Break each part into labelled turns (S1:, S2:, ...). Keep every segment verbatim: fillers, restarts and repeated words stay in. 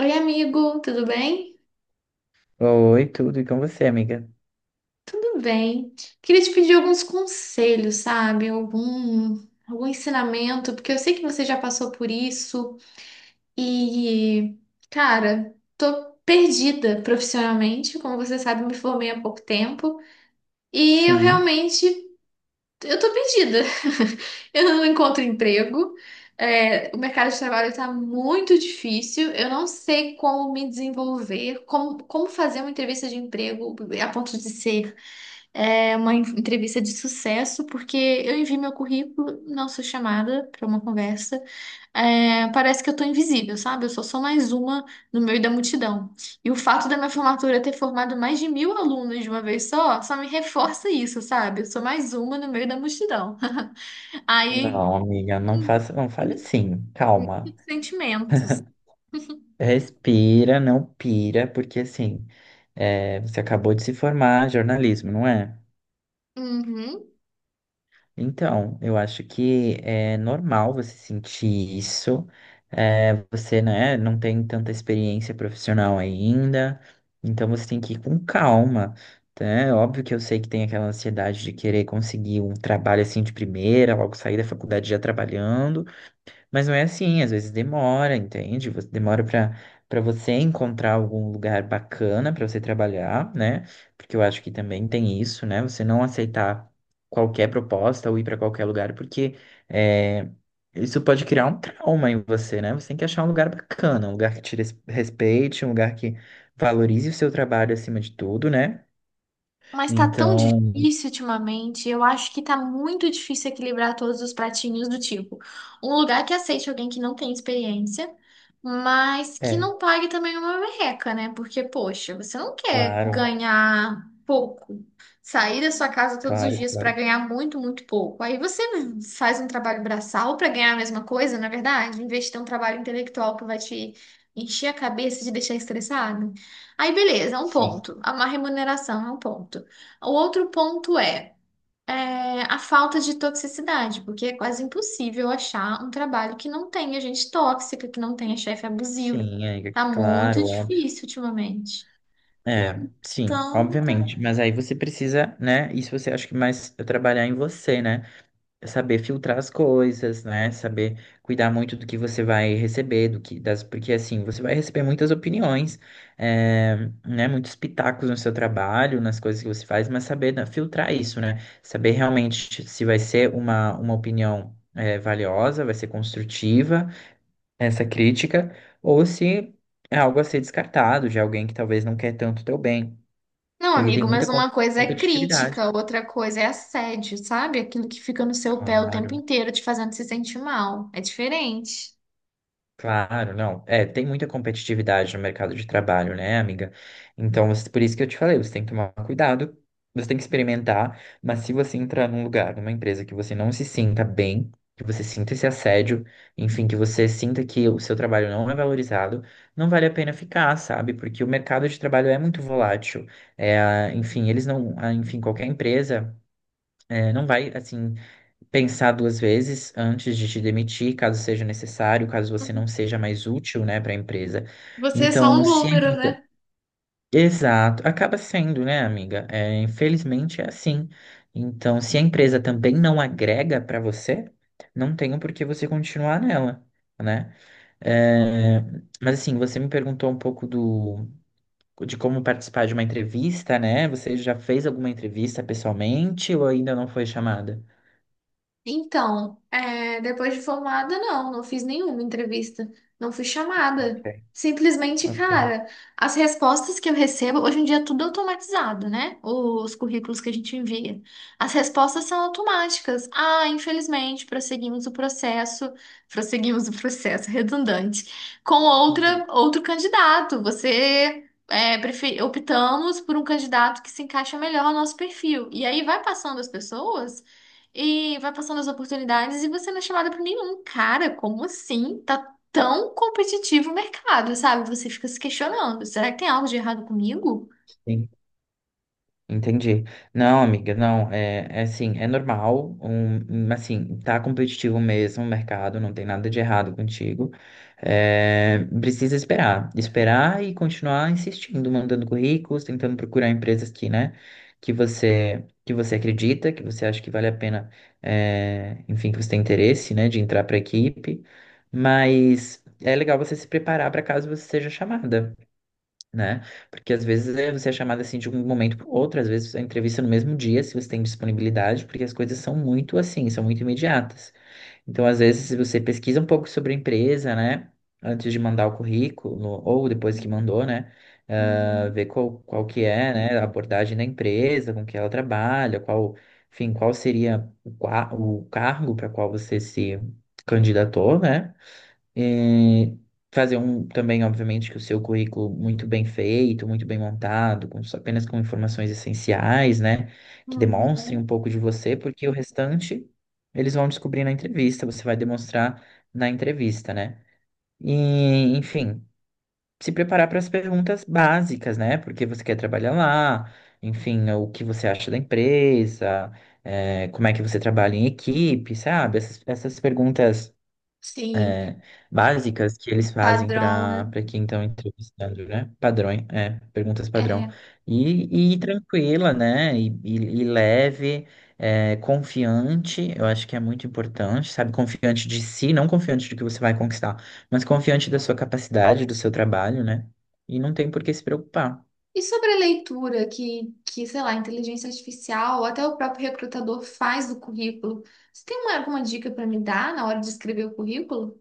S1: Oi, amigo, tudo bem?
S2: Oi, tudo, e com você, amiga?
S1: Tudo bem. Queria te pedir alguns conselhos, sabe? Algum, algum ensinamento, porque eu sei que você já passou por isso e, cara, tô perdida profissionalmente. Como você sabe, eu me formei há pouco tempo e eu
S2: Sim.
S1: realmente Eu tô perdida. Eu não encontro emprego. É, o mercado de trabalho está muito difícil. Eu não sei como me desenvolver, como, como fazer uma entrevista de emprego a ponto de ser é, uma en- entrevista de sucesso, porque eu envio meu currículo, não sou chamada para uma conversa. É, parece que eu tô invisível, sabe? Eu sou só mais uma no meio da multidão. E o fato da minha formatura ter formado mais de mil alunos de uma vez só, só me reforça isso, sabe? Eu sou mais uma no meio da multidão. Aí,
S2: Não. Hum, amiga, não faça, não fale assim, calma.
S1: muitos sentimentos.
S2: Respira, não pira, porque assim, é, você acabou de se formar em jornalismo, não é?
S1: Uhum.
S2: Então, eu acho que é normal você sentir isso. É, você, né, não tem tanta experiência profissional ainda, então você tem que ir com calma, tá? É óbvio que eu sei que tem aquela ansiedade de querer conseguir um trabalho assim de primeira, logo sair da faculdade já trabalhando. Mas não é assim, às vezes demora, entende? Você- Demora para para você encontrar algum lugar bacana para você trabalhar, né? Porque eu acho que também tem isso, né? Você não aceitar qualquer proposta ou ir para qualquer lugar, porque é, isso pode criar um trauma em você, né? Você tem que achar um lugar bacana, um lugar que te res- respeite, um lugar que valorize o seu trabalho acima de tudo, né?
S1: Mas tá tão
S2: Então,
S1: difícil ultimamente. Eu acho que tá muito difícil equilibrar todos os pratinhos do tipo. Um lugar que aceite alguém que não tem experiência, mas que
S2: é,
S1: não pague também uma merreca, né? Porque, poxa, você não quer
S2: claro,
S1: ganhar pouco. Sair da sua casa todos os
S2: claro,
S1: dias pra
S2: claro.
S1: ganhar muito, muito pouco. Aí você faz um trabalho braçal pra ganhar a mesma coisa, na verdade, em vez de ter um trabalho intelectual que vai te encher a cabeça e te deixar estressado. Aí, beleza, é um
S2: Sim,
S1: ponto. Uma remuneração é um ponto. O outro ponto é, é, a falta de toxicidade, porque é quase impossível achar um trabalho que não tenha gente tóxica, que não tenha chefe abusivo.
S2: sim, é,
S1: Tá muito
S2: claro, óbvio.
S1: difícil ultimamente.
S2: É, sim,
S1: Então, tá-
S2: obviamente. Mas aí você precisa, né? Isso você acha que mais é trabalhar em você, né? É saber filtrar as coisas, né? Saber cuidar muito do que você vai receber, do que das, porque assim, você vai receber muitas opiniões, é, né? Muitos pitacos no seu trabalho, nas coisas que você faz, mas saber né, filtrar isso, né? Saber realmente se vai ser uma, uma opinião é, valiosa, vai ser construtiva essa crítica, ou se é algo a ser descartado de alguém que talvez não quer tanto o teu bem.
S1: não,
S2: Porque tem
S1: amigo,
S2: muita
S1: mas
S2: com-
S1: uma coisa é
S2: competitividade.
S1: crítica, outra coisa é assédio, sabe? Aquilo que fica no seu pé o tempo
S2: Claro,
S1: inteiro te fazendo se sentir mal. É diferente.
S2: claro, não. É, tem muita competitividade no mercado de trabalho, né, amiga? Então, você- por isso que eu te falei, você tem que tomar cuidado, você tem que experimentar, mas se você entrar num lugar, numa empresa que você não se sinta bem, que você sinta esse assédio, enfim, que você sinta que o seu trabalho não é valorizado, não vale a pena ficar, sabe? Porque o mercado de trabalho é muito volátil. É, enfim, eles não, ah, enfim, qualquer empresa, é, não vai assim pensar duas vezes antes de te demitir, caso seja necessário, caso você não seja mais útil, né, para a empresa.
S1: Você é só um
S2: Então, se a
S1: número,
S2: empresa...
S1: né?
S2: Exato, acaba sendo, né, amiga? É, infelizmente é assim. Então, se a empresa também não agrega para você, não tem o porquê você continuar nela, né? É, mas assim, você me perguntou um pouco do de como participar de uma entrevista, né? Você já fez alguma entrevista pessoalmente ou ainda não foi chamada?
S1: Então, é, depois de formada, não, não fiz nenhuma entrevista, não fui
S2: Ok,
S1: chamada. Simplesmente,
S2: ok.
S1: cara, as respostas que eu recebo, hoje em dia é tudo automatizado, né? Os currículos que a gente envia. As respostas são automáticas. Ah, infelizmente, prosseguimos o processo, prosseguimos o processo, redundante, com outra, outro candidato. Você. É, prefe- optamos por um candidato que se encaixa melhor ao nosso perfil. E aí vai passando as pessoas. E vai passando as oportunidades e você não é chamada para nenhum. Cara, como assim? Tá tão competitivo o mercado, sabe? Você fica se questionando. Será que tem algo de errado comigo?
S2: Sim, entendi. Não, amiga, não, é, é assim, é normal, um, um, assim, tá competitivo mesmo o mercado, não tem nada de errado contigo. É, precisa esperar, esperar e continuar insistindo, mandando currículos, tentando procurar empresas que, né, que você, que você acredita, que você acha que vale a pena, é, enfim, que você tem interesse, né, de entrar para a equipe, mas é legal você se preparar para caso você seja chamada né? Porque às vezes é, você é chamado assim de um momento para outro, às vezes a entrevista é no mesmo dia, se você tem disponibilidade, porque as coisas são muito assim, são muito imediatas. Então, às vezes, se você pesquisa um pouco sobre a empresa, né? Antes de mandar o currículo, ou depois que mandou, né? ah,
S1: Uhum.
S2: ver qual, qual que é, né, a abordagem da empresa, com que ela trabalha, qual, enfim, qual seria o, qua- o cargo para qual você se candidatou, né? E fazer um também, obviamente, que o seu currículo muito bem feito, muito bem montado, com, só- apenas com informações essenciais, né? Que demonstrem
S1: Uhum.
S2: um pouco de você, porque o restante eles vão descobrir na entrevista, você vai demonstrar na entrevista, né? E, enfim, se preparar para as perguntas básicas, né? Porque você quer trabalhar lá, enfim, o que você acha da empresa, eh, como é que você trabalha em equipe, sabe? Essas, essas perguntas
S1: Sim,
S2: básicas que eles fazem
S1: padrão, né?
S2: para para quem estão entrevistando, né? Padrões, é, perguntas padrão.
S1: É.
S2: E, e tranquila, né? E, e, e leve, é, confiante, eu acho que é muito importante, sabe? Confiante de si, não confiante do que você vai conquistar, mas confiante da sua capacidade, do seu trabalho, né? E não tem por que se preocupar.
S1: E sobre a leitura que, que, sei lá, inteligência artificial ou até o próprio recrutador faz do currículo, você tem uma, alguma dica para me dar na hora de escrever o currículo?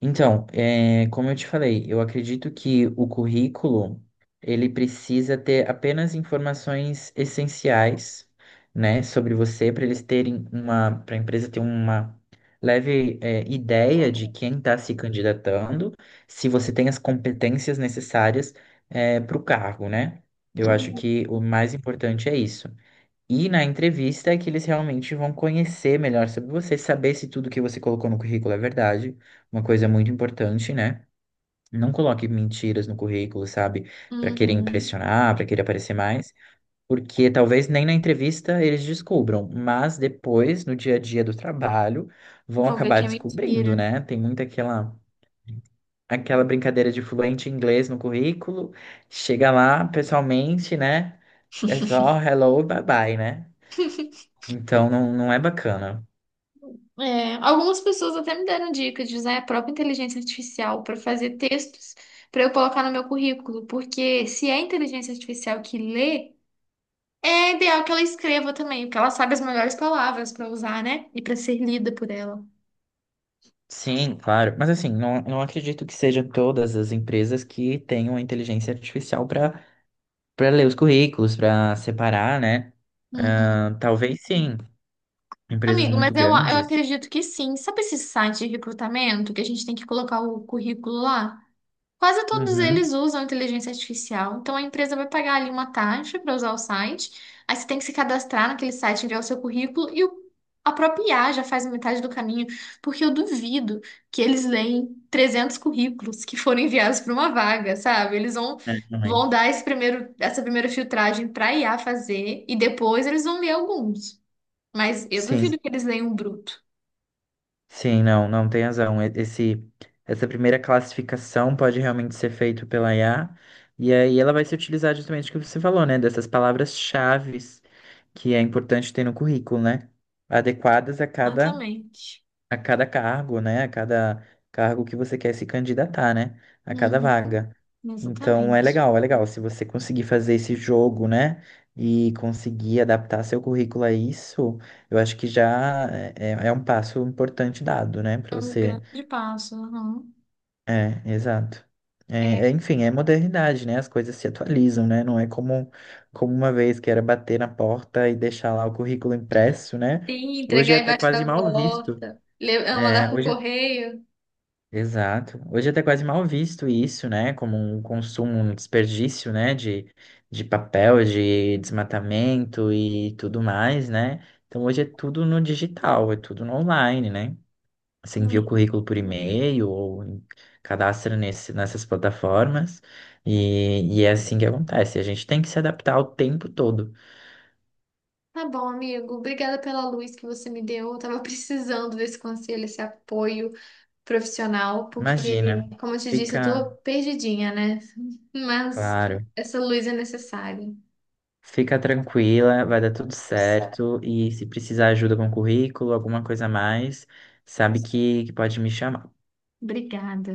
S2: Então, é, como eu te falei, eu acredito que o currículo ele precisa ter apenas informações essenciais, né, sobre você para eles terem uma, para a empresa ter uma leve é, ideia de quem está se candidatando, se você tem as competências necessárias para o cargo, né? Eu acho
S1: Uhum.
S2: que o mais importante é isso. E na entrevista é que eles realmente vão conhecer melhor sobre você, saber se tudo que você colocou no currículo é verdade. Uma coisa muito importante, né? Não coloque mentiras no currículo, sabe? Para querer
S1: Uhum.
S2: impressionar, para querer aparecer mais, porque talvez nem na entrevista eles descubram, mas depois, no dia a dia do trabalho, vão
S1: Vou ver
S2: acabar
S1: quem me
S2: descobrindo,
S1: inspira.
S2: né? Tem muita aquela aquela brincadeira de fluente em inglês no currículo, chega lá pessoalmente, né? É só hello, bye bye, né? Então não, não é bacana.
S1: É, algumas pessoas até me deram dicas de usar a própria inteligência artificial para fazer textos para eu colocar no meu currículo, porque se é a inteligência artificial que lê, é ideal que ela escreva também, porque ela sabe as melhores palavras para usar, né? E para ser lida por ela.
S2: Sim, claro. Mas assim, não, não acredito que seja todas as empresas que tenham a inteligência artificial para para ler os currículos, para separar, né?
S1: Uhum.
S2: Ah, talvez sim. Empresas
S1: Amigo, mas
S2: muito
S1: eu, eu
S2: grandes.
S1: acredito que sim. Sabe esse site de recrutamento que a gente tem que colocar o currículo lá? Quase todos
S2: Uhum.
S1: eles usam inteligência artificial. Então a empresa vai pagar ali uma taxa para usar o site. Aí você tem que se cadastrar naquele site, enviar o seu currículo e o, a própria I A já faz metade do caminho, porque eu duvido que eles leem trezentos currículos que foram enviados para uma vaga, sabe? Eles vão
S2: É,
S1: vão
S2: realmente.
S1: dar esse primeiro essa primeira filtragem para a I A fazer e depois eles vão ler alguns. Mas eu
S2: Sim.
S1: duvido que eles leiam bruto.
S2: Sim, não, não tem razão. E- Esse, essa primeira classificação pode realmente ser feita pela I A, e aí ela vai se utilizar justamente o que você falou, né? Dessas palavras-chaves que é importante ter no currículo, né? Adequadas a cada
S1: Exatamente.
S2: a cada cargo, né? A cada cargo que você quer se candidatar, né? A cada
S1: Uhum,
S2: vaga. Então é
S1: exatamente.
S2: legal, é legal. Se você conseguir fazer esse jogo, né? E conseguir adaptar seu currículo a isso, eu acho que já é, é é um passo importante dado, né?
S1: É
S2: Para
S1: um
S2: você.
S1: grande passo. Aham.
S2: É, exato.
S1: É,
S2: É, é, enfim, é modernidade, né? As coisas se atualizam, né? Não é como, como uma vez que era bater na porta e deixar lá o currículo impresso, né?
S1: sim,
S2: Hoje é
S1: entregar
S2: até
S1: embaixo
S2: quase
S1: da
S2: mal visto.
S1: porta, le- ah, mandar
S2: É,
S1: pro
S2: hoje
S1: correio.
S2: Exato. Hoje é até quase mal visto isso, né? Como um consumo, um desperdício, né? De, de papel, de desmatamento e tudo mais, né? Então hoje é tudo no digital, é tudo no online, né? Você envia o
S1: Hum.
S2: currículo por e-mail ou em- cadastra nesse, nessas plataformas e, e é assim que acontece. A gente tem que se adaptar o tempo todo.
S1: Tá bom, amigo. Obrigada pela luz que você me deu. Eu tava precisando desse conselho, esse apoio profissional, porque,
S2: Imagina,
S1: como eu te disse, eu
S2: fica
S1: tô perdidinha, né? Mas
S2: claro.
S1: essa luz é necessária.
S2: Fica tranquila, vai dar tudo
S1: Certo.
S2: certo. E se precisar ajuda com currículo, alguma coisa a mais, sabe que, que pode me chamar.
S1: Obrigada.